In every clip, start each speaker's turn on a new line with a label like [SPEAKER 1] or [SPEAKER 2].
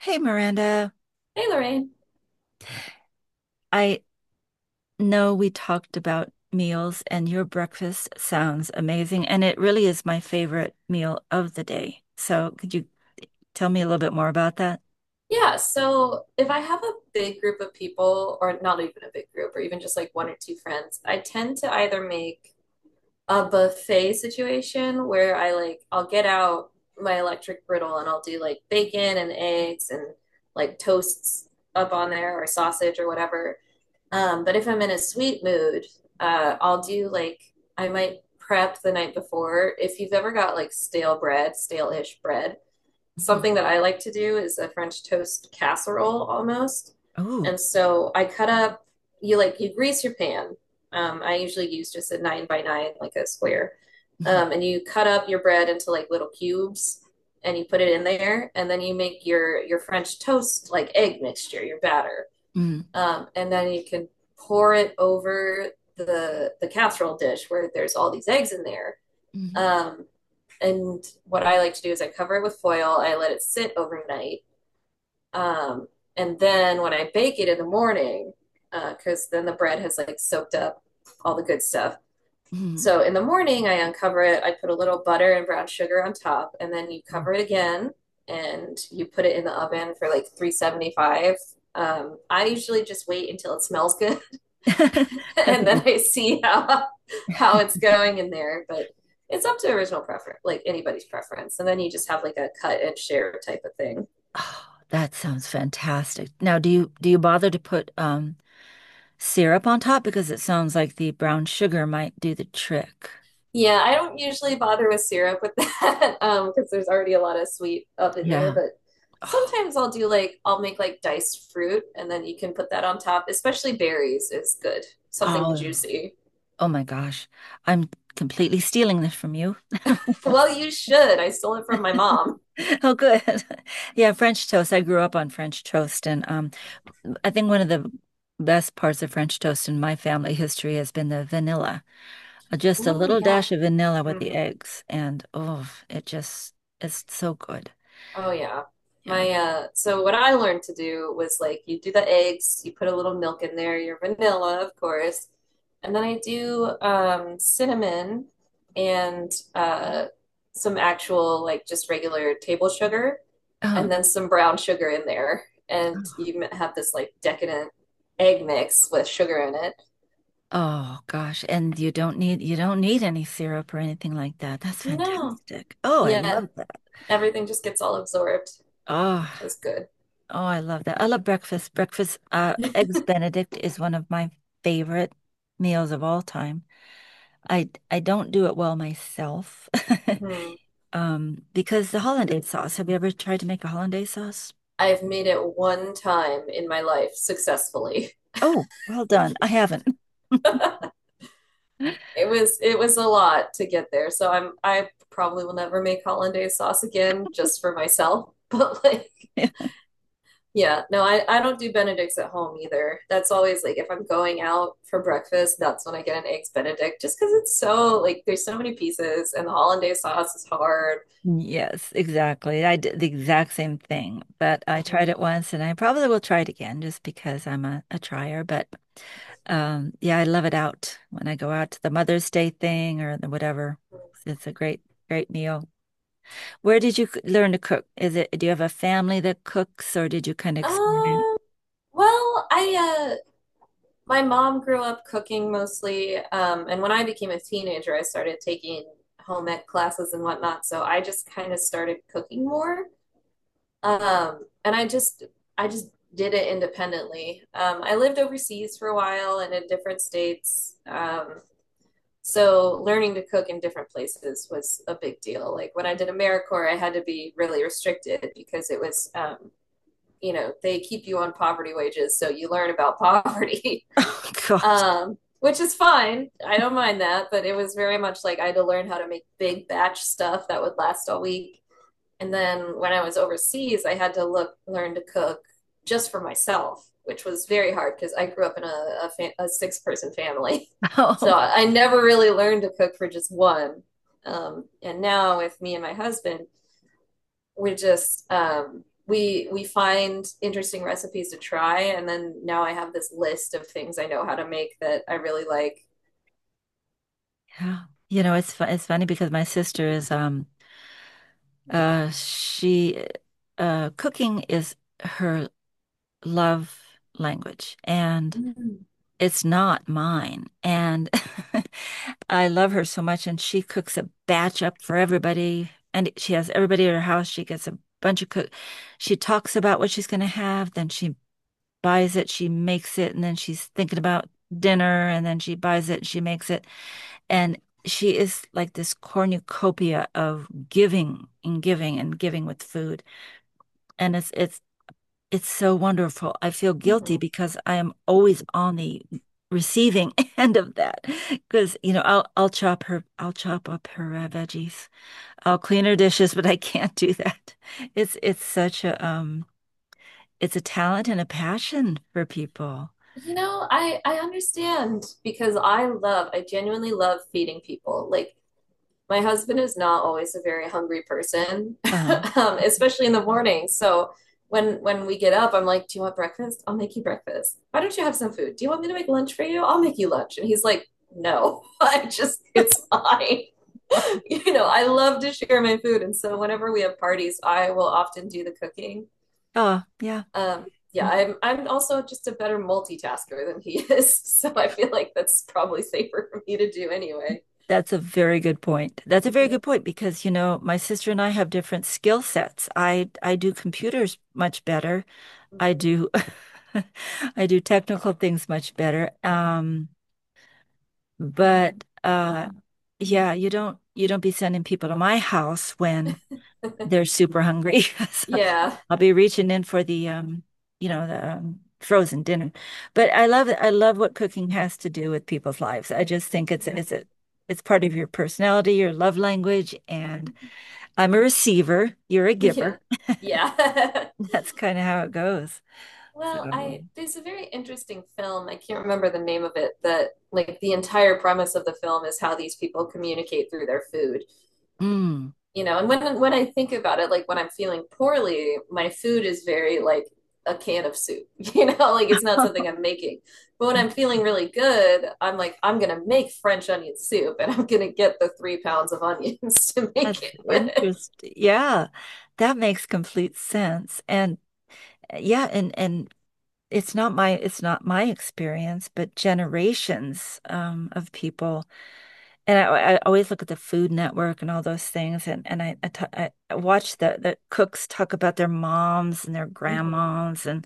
[SPEAKER 1] Hey Miranda,
[SPEAKER 2] Hey Lorraine.
[SPEAKER 1] I know we talked about meals and your breakfast sounds amazing, and it really is my favorite meal of the day. So could you tell me a little bit more about that?
[SPEAKER 2] Yeah, so if I have a big group of people, or not even a big group, or even just like one or two friends, I tend to either make a buffet situation where I'll get out my electric griddle and I'll do like bacon and eggs and like toasts up on there or sausage or whatever. But if I'm in a sweet mood, I'll do like I might prep the night before. If you've ever got like stale bread, stale-ish bread.
[SPEAKER 1] Hmm.
[SPEAKER 2] Something that I like to do is a French toast casserole almost.
[SPEAKER 1] Oh.
[SPEAKER 2] And so you grease your pan. I usually use just a nine by nine, like a square.
[SPEAKER 1] Hmm.
[SPEAKER 2] And you cut up your bread into like little cubes and you put it in there. And then you make your French toast, like egg mixture, your batter.
[SPEAKER 1] Hmm.
[SPEAKER 2] And then you can pour it over the casserole dish where there's all these eggs in there.
[SPEAKER 1] Hmm.
[SPEAKER 2] Um, and what I like to do is I cover it with foil. I let it sit overnight, um, and then when I bake it in the morning, because then the bread has like soaked up all the good stuff.
[SPEAKER 1] Hmm.
[SPEAKER 2] So in the morning, I uncover it. I put a little butter and brown sugar on top, and then you cover it again, and you put it in the oven for like 375. I usually just wait until it smells good
[SPEAKER 1] That's a
[SPEAKER 2] and then
[SPEAKER 1] good.
[SPEAKER 2] I see how it's going in there. But it's up to original preference, like anybody's preference. And then you just have like a cut and share type of thing.
[SPEAKER 1] Oh, that sounds fantastic. Now, do you bother to put syrup on top? Because it sounds like the brown sugar might do the trick.
[SPEAKER 2] Yeah, I don't usually bother with syrup with that because there's already a lot of sweet up in there.
[SPEAKER 1] Yeah.
[SPEAKER 2] But
[SPEAKER 1] Oh.
[SPEAKER 2] sometimes I'll make like diced fruit, and then you can put that on top. Especially berries is good, something
[SPEAKER 1] Oh.
[SPEAKER 2] juicy.
[SPEAKER 1] Oh my gosh, I'm completely stealing this from you.
[SPEAKER 2] Well, you should. I stole it from my mom.
[SPEAKER 1] Oh, good. Yeah, French toast. I grew up on French toast, and I think one of the best parts of French toast in my family history has been the vanilla. Just a
[SPEAKER 2] Ooh,
[SPEAKER 1] little
[SPEAKER 2] yeah.
[SPEAKER 1] dash of vanilla with the
[SPEAKER 2] Hmm.
[SPEAKER 1] eggs, and oh, it just is so good.
[SPEAKER 2] Oh yeah.
[SPEAKER 1] Yeah.
[SPEAKER 2] My so what I learned to do was like you do the eggs, you put a little milk in there, your vanilla, of course. And then I do cinnamon and some actual like just regular table sugar
[SPEAKER 1] Uh-huh.
[SPEAKER 2] and then some brown sugar in there. And you have this like decadent egg mix with sugar in it.
[SPEAKER 1] Oh gosh, and you don't need any syrup or anything like that. That's
[SPEAKER 2] No.
[SPEAKER 1] fantastic. Oh, I
[SPEAKER 2] Yeah,
[SPEAKER 1] love that.
[SPEAKER 2] everything just gets all absorbed,
[SPEAKER 1] Oh.
[SPEAKER 2] which is good.
[SPEAKER 1] Oh, I love that. I love breakfast. Breakfast, eggs Benedict is one of my favorite meals of all time. I don't do it well myself.
[SPEAKER 2] Mhm.
[SPEAKER 1] Because the hollandaise sauce. Have you ever tried to make a hollandaise sauce?
[SPEAKER 2] I've made it one time in my life successfully.
[SPEAKER 1] Oh, well done. I haven't.
[SPEAKER 2] It was a lot to get there. So I probably will never make hollandaise sauce again just for myself. But like yeah, no, I don't do Benedicts at home either. That's always like if I'm going out for breakfast, that's when I get an eggs Benedict just because it's so like there's so many pieces and the hollandaise sauce is hard.
[SPEAKER 1] Yes, exactly. I did the exact same thing, but I
[SPEAKER 2] Mm-hmm.
[SPEAKER 1] tried it once and I probably will try it again just because I'm a trier. But yeah, I love it out when I go out to the Mother's Day thing or the whatever. It's a great, great meal. Where did learn to cook? Is it, do you have a family that cooks or did you kind of experiment?
[SPEAKER 2] Um, well, I my mom grew up cooking mostly, and when I became a teenager, I started taking home ec classes and whatnot. So I just kind of started cooking more, and I just did it independently. I lived overseas for a while and in different states. So learning to cook in different places was a big deal. Like when I did AmeriCorps, I had to be really restricted because it was, they keep you on poverty wages. So you learn about poverty
[SPEAKER 1] Oh God.
[SPEAKER 2] which is fine. I don't mind that, but it was very much like I had to learn how to make big batch stuff that would last all week. And then when I was overseas, I had to look learn to cook just for myself, which was very hard because I grew up in a six-person family, so
[SPEAKER 1] Oh,
[SPEAKER 2] I never really learned to cook for just one. And now with me and my husband, we just we find interesting recipes to try, and then now I have this list of things I know how to make that I really like.
[SPEAKER 1] yeah. You know, it's funny because my sister is she cooking is her love language and
[SPEAKER 2] Mm,
[SPEAKER 1] it's not mine. And I love her so much. And she cooks a batch up for everybody. And she has everybody at her house. She gets a bunch of cook. She talks about what she's going to have. Then she buys it. She makes it. And then she's thinking about dinner. And then she buys it. She makes it. And she is like this cornucopia of giving and giving and giving with food. And it's so wonderful. I feel guilty
[SPEAKER 2] mhm.
[SPEAKER 1] because I am always on the receiving end of that. Because, I'll chop up her veggies. I'll clean her dishes, but I can't do that. It's such a it's a talent and a passion for people.
[SPEAKER 2] You know, I understand because I genuinely love feeding people. Like my husband is not always a very hungry person,
[SPEAKER 1] Um,
[SPEAKER 2] especially in the morning. So when we get up, I'm like, "Do you want breakfast? I'll make you breakfast. Why don't you have some food? Do you want me to make lunch for you? I'll make you lunch." And he's like, "No, I just it's fine."
[SPEAKER 1] oh,
[SPEAKER 2] I love to share my food, and so whenever we have parties, I will often do the cooking.
[SPEAKER 1] oh, yeah.
[SPEAKER 2] Yeah,
[SPEAKER 1] Mhm.
[SPEAKER 2] I'm also just a better multitasker than he is, so I feel like that's probably safer for me to do anyway.
[SPEAKER 1] That's a very good point. That's a very
[SPEAKER 2] Yeah.
[SPEAKER 1] good point because, you know, my sister and I have different skill sets. I do computers much better. I
[SPEAKER 2] Mhm.
[SPEAKER 1] do I do technical things much better. But yeah, you don't be sending people to my house when they're super hungry. So
[SPEAKER 2] Yeah.
[SPEAKER 1] I'll be reaching in for the you know, the frozen dinner. But I love what cooking has to do with people's lives. I just think
[SPEAKER 2] Mhm.
[SPEAKER 1] it's a it's part of your personality, your love language, and I'm a receiver, you're a giver.
[SPEAKER 2] Yeah. Yeah.
[SPEAKER 1] That's kind of how it goes.
[SPEAKER 2] Well,
[SPEAKER 1] So,
[SPEAKER 2] I there's a very interesting film, I can't remember the name of it, that like the entire premise of the film is how these people communicate through their food.
[SPEAKER 1] mm.
[SPEAKER 2] And when I think about it, like, when I'm feeling poorly, my food is very like a can of soup, like it's not something I'm making. But when I'm feeling really good, I'm like, I'm gonna make french onion soup, and I'm gonna get the 3 pounds of onions to make
[SPEAKER 1] That's
[SPEAKER 2] it with.
[SPEAKER 1] interesting. Yeah, that makes complete sense. And yeah, and it's not my experience, but generations of people. And I always look at the Food Network and all those things, and I watch the cooks talk about their moms and their
[SPEAKER 2] Mhm.
[SPEAKER 1] grandmoms, and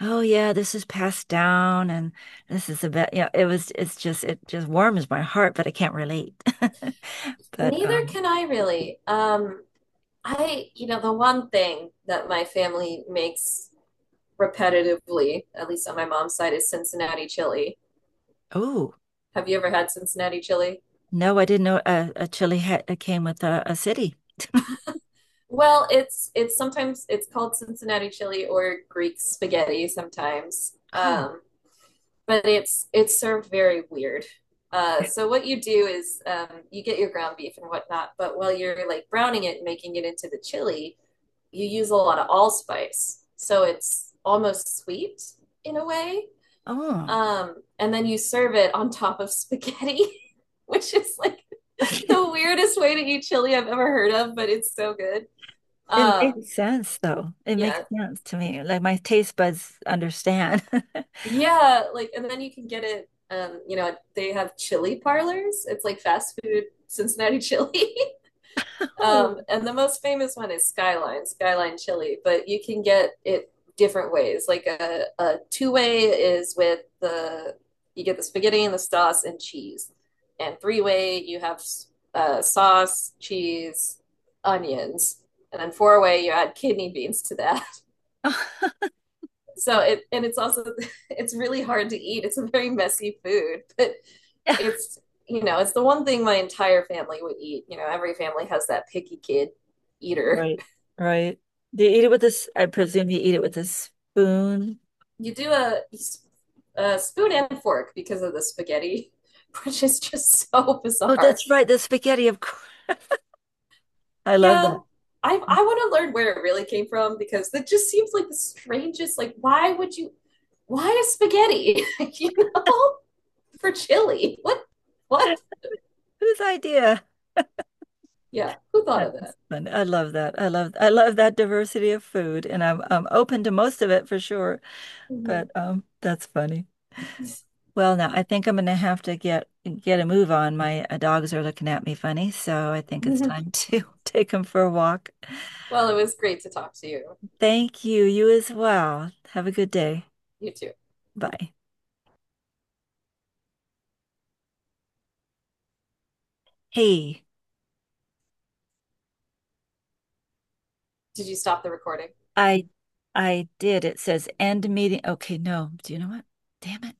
[SPEAKER 1] oh yeah, this is passed down, and this is about yeah. It was it just warms my heart, but I can't relate. But
[SPEAKER 2] Neither can I really. You know, the one thing that my family makes repetitively, at least on my mom's side, is Cincinnati chili.
[SPEAKER 1] oh.
[SPEAKER 2] Have you ever had Cincinnati chili?
[SPEAKER 1] No, I didn't know a chili hat that came with a city.
[SPEAKER 2] Well, it's sometimes it's called Cincinnati chili or Greek spaghetti sometimes.
[SPEAKER 1] Oh,
[SPEAKER 2] But it's served very weird. So what you do is you get your ground beef and whatnot, but while you're like browning it and making it into the chili, you use a lot of allspice. So it's almost sweet in a way.
[SPEAKER 1] oh.
[SPEAKER 2] And then you serve it on top of spaghetti, which is like the weirdest way to eat chili I've ever heard of, but it's so good.
[SPEAKER 1] It
[SPEAKER 2] Um,
[SPEAKER 1] makes sense though. It makes
[SPEAKER 2] yeah,
[SPEAKER 1] sense to me. Like my taste buds understand.
[SPEAKER 2] yeah, like and then you can get it you know, they have chili parlors. It's like fast food Cincinnati chili. Um,
[SPEAKER 1] Oh.
[SPEAKER 2] and the most famous one is Skyline chili, but you can get it different ways. Like a two-way is with the you get the spaghetti and the sauce and cheese. And three-way you have sauce, cheese, onions. And then four-way you add kidney beans to that.
[SPEAKER 1] Oh.
[SPEAKER 2] So it's also it's really hard to eat. It's a very messy food, but it's it's the one thing my entire family would eat. You know, every family has that picky kid eater.
[SPEAKER 1] Right, right. Do you eat it with this? I presume you eat it with a spoon.
[SPEAKER 2] You do a spoon and fork because of the spaghetti, which is just so
[SPEAKER 1] Oh,
[SPEAKER 2] bizarre.
[SPEAKER 1] that's right, the spaghetti, of course. I love
[SPEAKER 2] Yeah,
[SPEAKER 1] that.
[SPEAKER 2] I want to learn where it really came from because that just seems like the strangest. Like, why would you? Why is spaghetti? You know, for chili? What? What?
[SPEAKER 1] Whose idea?
[SPEAKER 2] Yeah, who thought of
[SPEAKER 1] That's
[SPEAKER 2] that?
[SPEAKER 1] fun. I love that. I love that diversity of food, and I'm open to most of it for sure.
[SPEAKER 2] Mhm.
[SPEAKER 1] But that's funny. Well, now I think I'm gonna have to get a move on. My dogs are looking at me funny, so I think it's time to take them for a walk.
[SPEAKER 2] Well, it was great to talk to you.
[SPEAKER 1] Thank you. You as well. Have a good day.
[SPEAKER 2] You too.
[SPEAKER 1] Bye. Hey,
[SPEAKER 2] Did you stop the recording?
[SPEAKER 1] I I did. It says end meeting. Okay, no. Do you know what? Damn it.